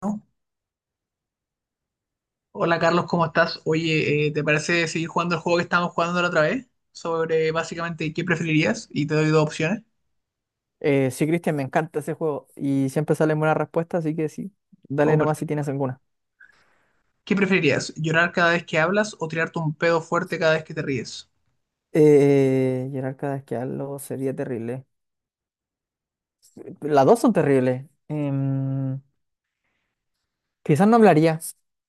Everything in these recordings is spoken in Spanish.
¿No? Hola Carlos, ¿cómo estás? Oye, ¿te parece seguir jugando el juego que estábamos jugando la otra vez? Sobre básicamente qué preferirías y te doy dos opciones. Sí, Cristian, me encanta ese juego y siempre salen buenas respuestas, así que sí, dale Oh, nomás si perfecto. tienes alguna. ¿Qué preferirías? ¿Llorar cada vez que hablas o tirarte un pedo fuerte cada vez que te ríes? Gerard Carrasquealo sería terrible. Las dos son terribles. Quizás no hablaría,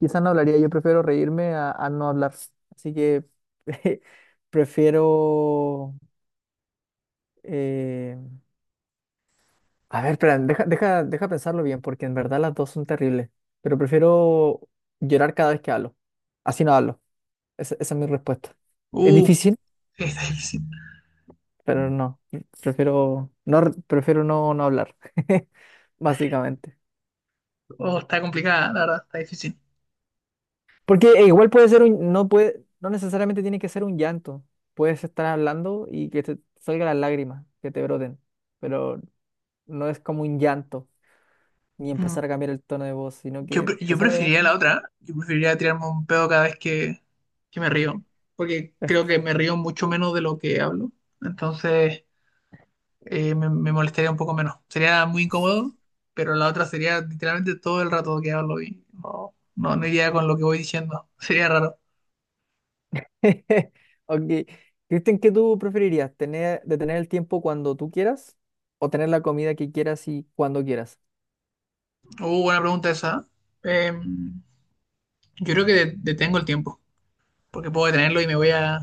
quizás no hablaría, yo prefiero reírme a no hablar. Así que prefiero... eh, A ver, espera, deja pensarlo bien, porque en verdad las dos son terribles, pero prefiero llorar cada vez que hablo. Así no hablo. Esa es mi respuesta. Es Uh, difícil. está difícil. Pero no, prefiero no, no hablar, básicamente. Oh, está complicada, la verdad, está difícil. Porque igual puede ser un, no puede, no necesariamente tiene que ser un llanto. Puedes estar hablando y que te salgan las lágrimas, que te broten, pero no es como un llanto, ni Mm. empezar a cambiar el tono de voz, sino Yo, que pre- te yo salgan las preferiría la lágrimas. otra. Yo preferiría tirarme un pedo cada vez que me río. Porque Es creo que me río mucho menos de lo que hablo. Entonces, me molestaría un poco menos. Sería muy incómodo, pero la otra sería literalmente todo el rato que hablo y no iría con lo que voy diciendo. Sería raro. que- Ok. Cristian, ¿qué tú preferirías? ¿Tener, detener el tiempo cuando tú quieras o tener la comida que quieras y cuando quieras? Buena pregunta esa. Eh, yo creo que detengo el tiempo, porque puedo detenerlo y me voy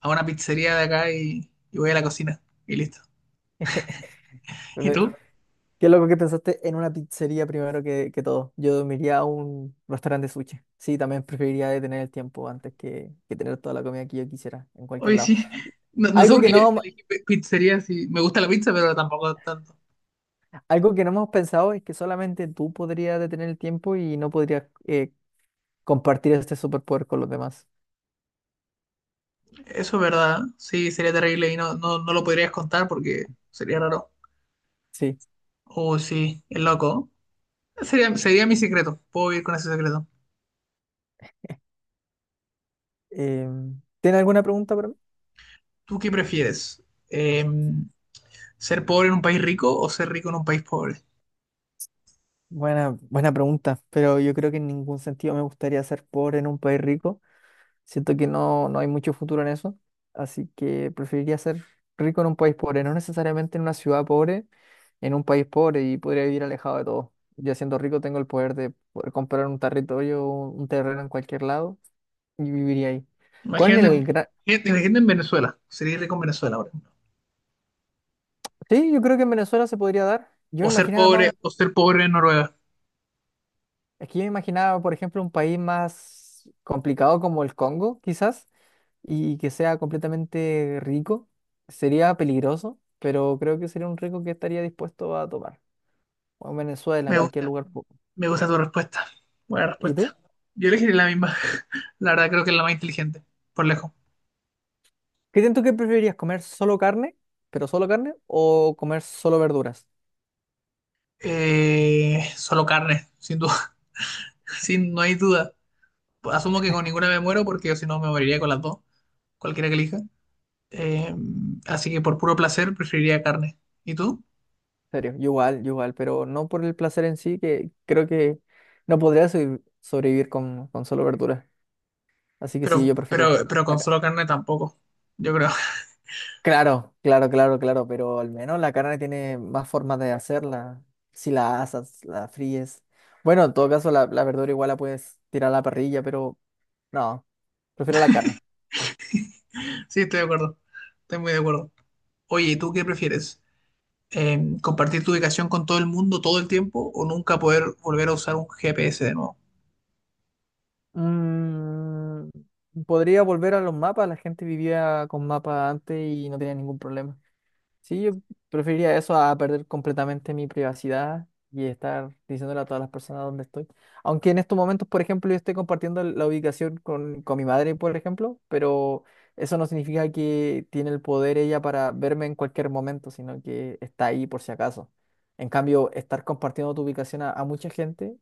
a una pizzería de acá y voy a la cocina y listo. ¿Y tú? Qué loco que pensaste en una pizzería primero que todo. Yo dormiría a un restaurante de sushi. Sí, también preferiría detener el tiempo antes que tener toda la comida que yo quisiera en cualquier Hoy lado. sí. No, no sé Algo por que qué no, elegí pizzería, sí. Me gusta la pizza, pero tampoco tanto. algo que no hemos pensado es que solamente tú podrías detener el tiempo y no podrías compartir este superpoder con los demás. Eso es verdad. Sí, sería terrible y no lo podrías contar porque sería raro. Sí. Oh, sí, es loco. Sería mi secreto. Puedo ir con ese secreto. ¿Tiene alguna pregunta para mí? ¿Tú qué prefieres? Eh, ¿Ser pobre en un país rico o ser rico en un país pobre? Buena pregunta, pero yo creo que en ningún sentido me gustaría ser pobre en un país rico. Siento que no, no hay mucho futuro en eso, así que preferiría ser rico en un país pobre, no necesariamente en una ciudad pobre, en un país pobre y podría vivir alejado de todo. Ya siendo rico tengo el poder de poder comprar un territorio, un terreno en cualquier lado y viviría ahí. Con Imagínate, el gran... imagínate en Venezuela. Sería rico en Venezuela, por ejemplo. Sí, yo creo que en Venezuela se podría dar. Yo me imaginaba más, un- O ser pobre en Noruega. es que yo me imaginaba, por ejemplo, un país más complicado como el Congo, quizás y que sea completamente rico. Sería peligroso, pero creo que sería un rico que estaría dispuesto a tomar. O en Venezuela, en Me cualquier gusta. lugar. Po- Me gusta tu respuesta. Buena ¿Y tú? respuesta. Yo elegiré la misma. La verdad creo que es la más inteligente. Por lejos. ¿Qué siento que preferirías? ¿Comer solo carne, pero solo carne? ¿O comer solo verduras? Solo carne, sin duda. Sin, no hay duda. Asumo que con ninguna me muero porque si no me moriría con las dos. Cualquiera que elija. Eh, así que por puro placer preferiría carne. ¿Y tú? En serio, yo igual, pero no por el placer en sí, que creo que no podría sobrevivir con solo verduras. Así que sí, yo prefiero las, Pero con carnes. solo carne tampoco. Yo creo. Claro, pero al menos la carne tiene más formas de hacerla. Si la asas, la fríes. Bueno, en todo caso, la verdura igual la puedes tirar a la parrilla, pero no, prefiero la carne. Sí, estoy de acuerdo. Estoy muy de acuerdo. Oye, ¿y tú qué prefieres? ¿Compartir tu ubicación con todo el mundo todo el tiempo o nunca poder volver a usar un GPS de nuevo? Mm, podría volver a los mapas, la gente vivía con mapas antes y no tenía ningún problema. Sí, yo preferiría eso a perder completamente mi privacidad y estar diciéndole a todas las personas dónde estoy. Aunque en estos momentos, por ejemplo, yo esté compartiendo la ubicación con mi madre, por ejemplo, pero eso no significa que tiene el poder ella para verme en cualquier momento, sino que está ahí por si acaso. En cambio, estar compartiendo tu ubicación a mucha gente,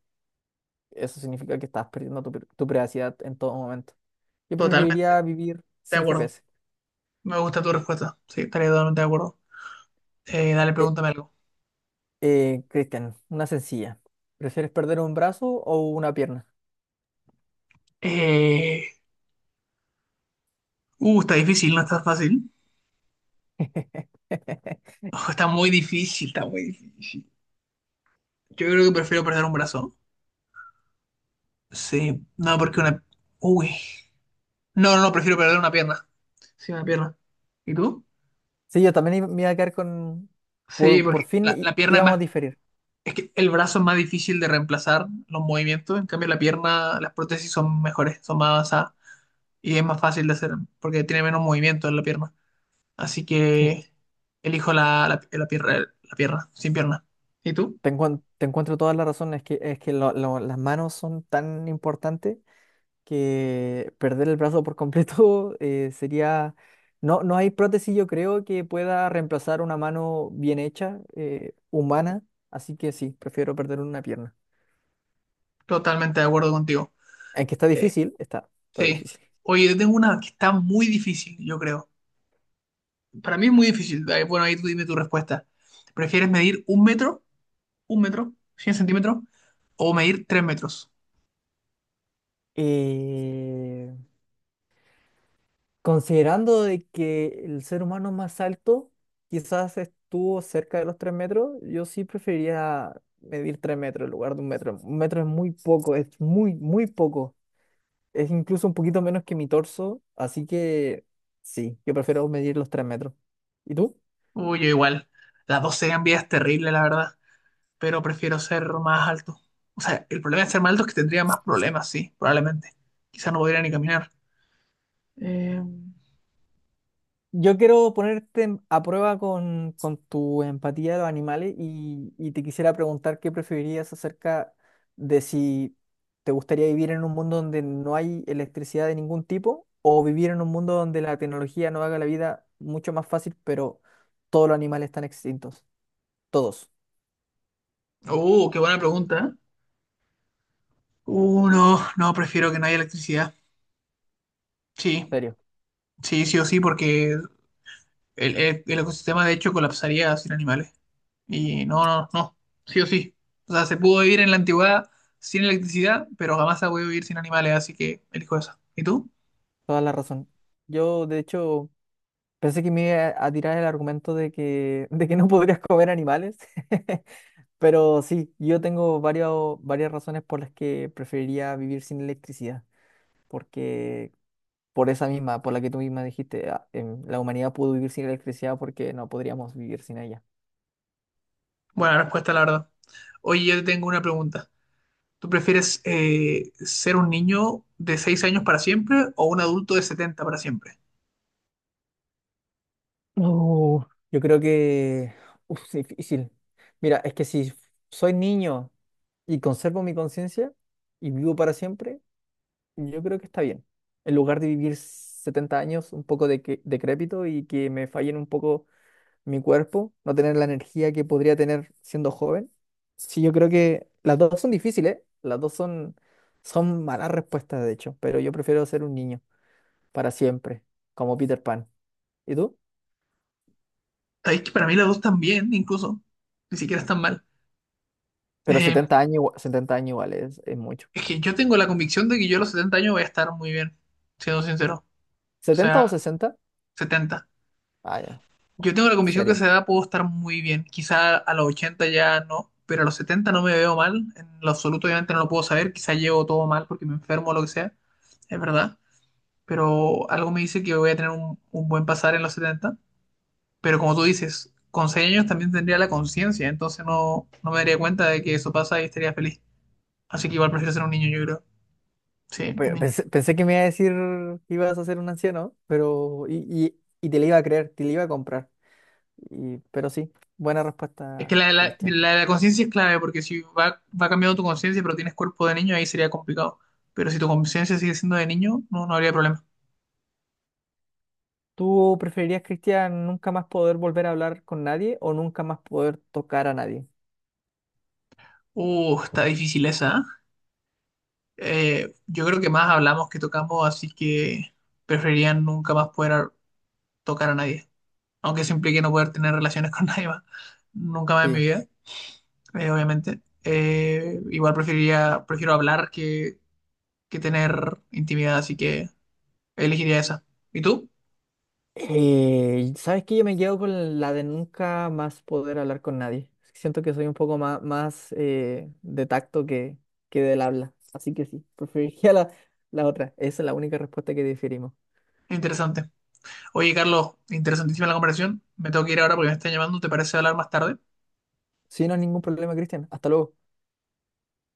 eso significa que estás perdiendo tu privacidad en todo momento. Yo Totalmente preferiría vivir de sin acuerdo. GPS. Me gusta tu respuesta. Sí, estaría totalmente de acuerdo. Dale, pregúntame algo. Cristian, una sencilla. ¿Prefieres perder un brazo o una pierna? Eh, está difícil, no está fácil. Ojo, está muy difícil, está muy difícil. Yo creo que prefiero perder un brazo. Sí, no, porque una... Uy. No, prefiero perder una pierna. Sí, una pierna. ¿Y tú? Sí, yo también iba- me iba a quedar con... Sí, por porque fin í- la pierna es íbamos a más... diferir. Es que el brazo es más difícil de reemplazar los movimientos. En cambio, la pierna, las prótesis son mejores, son más avanzadas. Y es más fácil de hacer porque tiene menos movimiento en la pierna. Así Sí. que elijo la pierna, sin pierna. ¿Y tú? Te encuentro todas las razones. Es que las manos son tan importantes que perder el brazo por completo sería... No, no hay prótesis, yo creo, que pueda reemplazar una mano bien hecha, humana. Así que sí, prefiero perder una pierna. Totalmente de acuerdo contigo. Aunque está Eh, difícil, está sí. difícil. Oye, yo tengo una que está muy difícil, yo creo. Para mí es muy difícil. Ahí, bueno, ahí tú dime tu respuesta. ¿Prefieres medir un metro, 100 centímetros, o medir tres metros? Eh, considerando de que el ser humano más alto quizás estuvo cerca de los 3 metros, yo sí preferiría medir 3 metros en lugar de un metro. Un metro es muy poco, es muy, muy poco. Es incluso un poquito menos que mi torso, así que sí, yo prefiero medir los 3 metros. ¿Y tú? Uy, yo igual. Las dos serían vidas terribles, la verdad. Pero prefiero ser más alto. O sea, el problema de ser más alto es que tendría más problemas, sí, probablemente. Quizá no podría ni caminar. Eh... Yo quiero ponerte en- a prueba con tu empatía de los animales y te quisiera preguntar qué preferirías acerca de si te gustaría vivir en un mundo donde no hay electricidad de ningún tipo o vivir en un mundo donde la tecnología no haga la vida mucho más fácil, pero todos los animales están extintos. Todos, qué buena pregunta. ¿Eh? No, prefiero que no haya electricidad. Sí, serio, sí o sí, porque el ecosistema de hecho colapsaría sin animales. Y no, sí o sí. O sea, se pudo vivir en la antigüedad sin electricidad, pero jamás se ha podido vivir sin animales, así que elijo esa. ¿Y tú? toda la razón. Yo, de hecho, pensé que me iba a tirar el argumento de que no podrías comer animales. Pero sí, yo tengo varias razones por las que preferiría vivir sin electricidad, porque por esa misma, por la que tú misma dijiste, la humanidad pudo vivir sin electricidad porque no podríamos vivir sin ella. Buena respuesta, la verdad. Oye, yo te tengo una pregunta. ¿Tú prefieres ser un niño de 6 años para siempre o un adulto de 70 para siempre? Oh, yo creo que uf, es difícil. Mira, es que si soy niño y conservo mi conciencia y vivo para siempre, yo creo que está bien. En lugar de vivir 70 años un poco de decrépito y que me fallen un poco mi cuerpo, no tener la energía que podría tener siendo joven. Sí, yo creo que las dos son difíciles, ¿eh? Son malas respuestas, de hecho, pero yo prefiero ser un niño para siempre, como Peter Pan. ¿Y tú? Sabéis que para mí las dos también, incluso. Ni siquiera están mal. Pero Eh, setenta años, setenta años igual es mucho. es que yo tengo la convicción de que yo a los 70 años voy a estar muy bien, siendo sincero. O ¿setenta o sea, sesenta? setenta. Ah, ya, Yo tengo la convicción que a serio. esa edad puedo estar muy bien. Quizá a los 80 ya no, pero a los 70 no me veo mal. En lo absoluto, obviamente no lo puedo saber. Quizá llevo todo mal porque me enfermo o lo que sea. Es verdad. Pero algo me dice que voy a tener un buen pasar en los setenta. Pero como tú dices, con 6 años también tendría la conciencia. Entonces no me daría cuenta de que eso pasa y estaría feliz. Así que igual prefiero ser un niño, yo creo. Oh, Sí, un niño. pensé, pensé que me iba a decir que ibas a ser un anciano, pero y te le iba a creer, te le iba a comprar. Y, pero sí, buena Es que respuesta, Cristian. La conciencia es clave, porque si va, va cambiando tu conciencia, pero tienes cuerpo de niño, ahí sería complicado. Pero si tu conciencia sigue siendo de niño, no habría problema. ¿Tú preferirías, Cristian, nunca más poder volver a hablar con nadie o nunca más poder tocar a nadie? Está difícil esa. ¿Eh? Yo creo que más hablamos que tocamos, así que preferiría nunca más poder tocar a nadie. Aunque eso implique no poder tener relaciones con nadie más. Nunca más en mi Sí. vida, obviamente. Prefiero hablar que tener intimidad, así que elegiría esa. ¿Y tú? ¿Sabes qué? Yo me quedo con la de nunca más poder hablar con nadie. Siento que soy un poco más, más de tacto que del habla. Así que sí, preferiría la otra. Esa es la única respuesta que diferimos. Interesante. Oye, Carlos, interesantísima la conversación. Me tengo que ir ahora porque me están llamando. ¿Te parece hablar más tarde? Sí, no es ningún problema, Cristian. Hasta luego.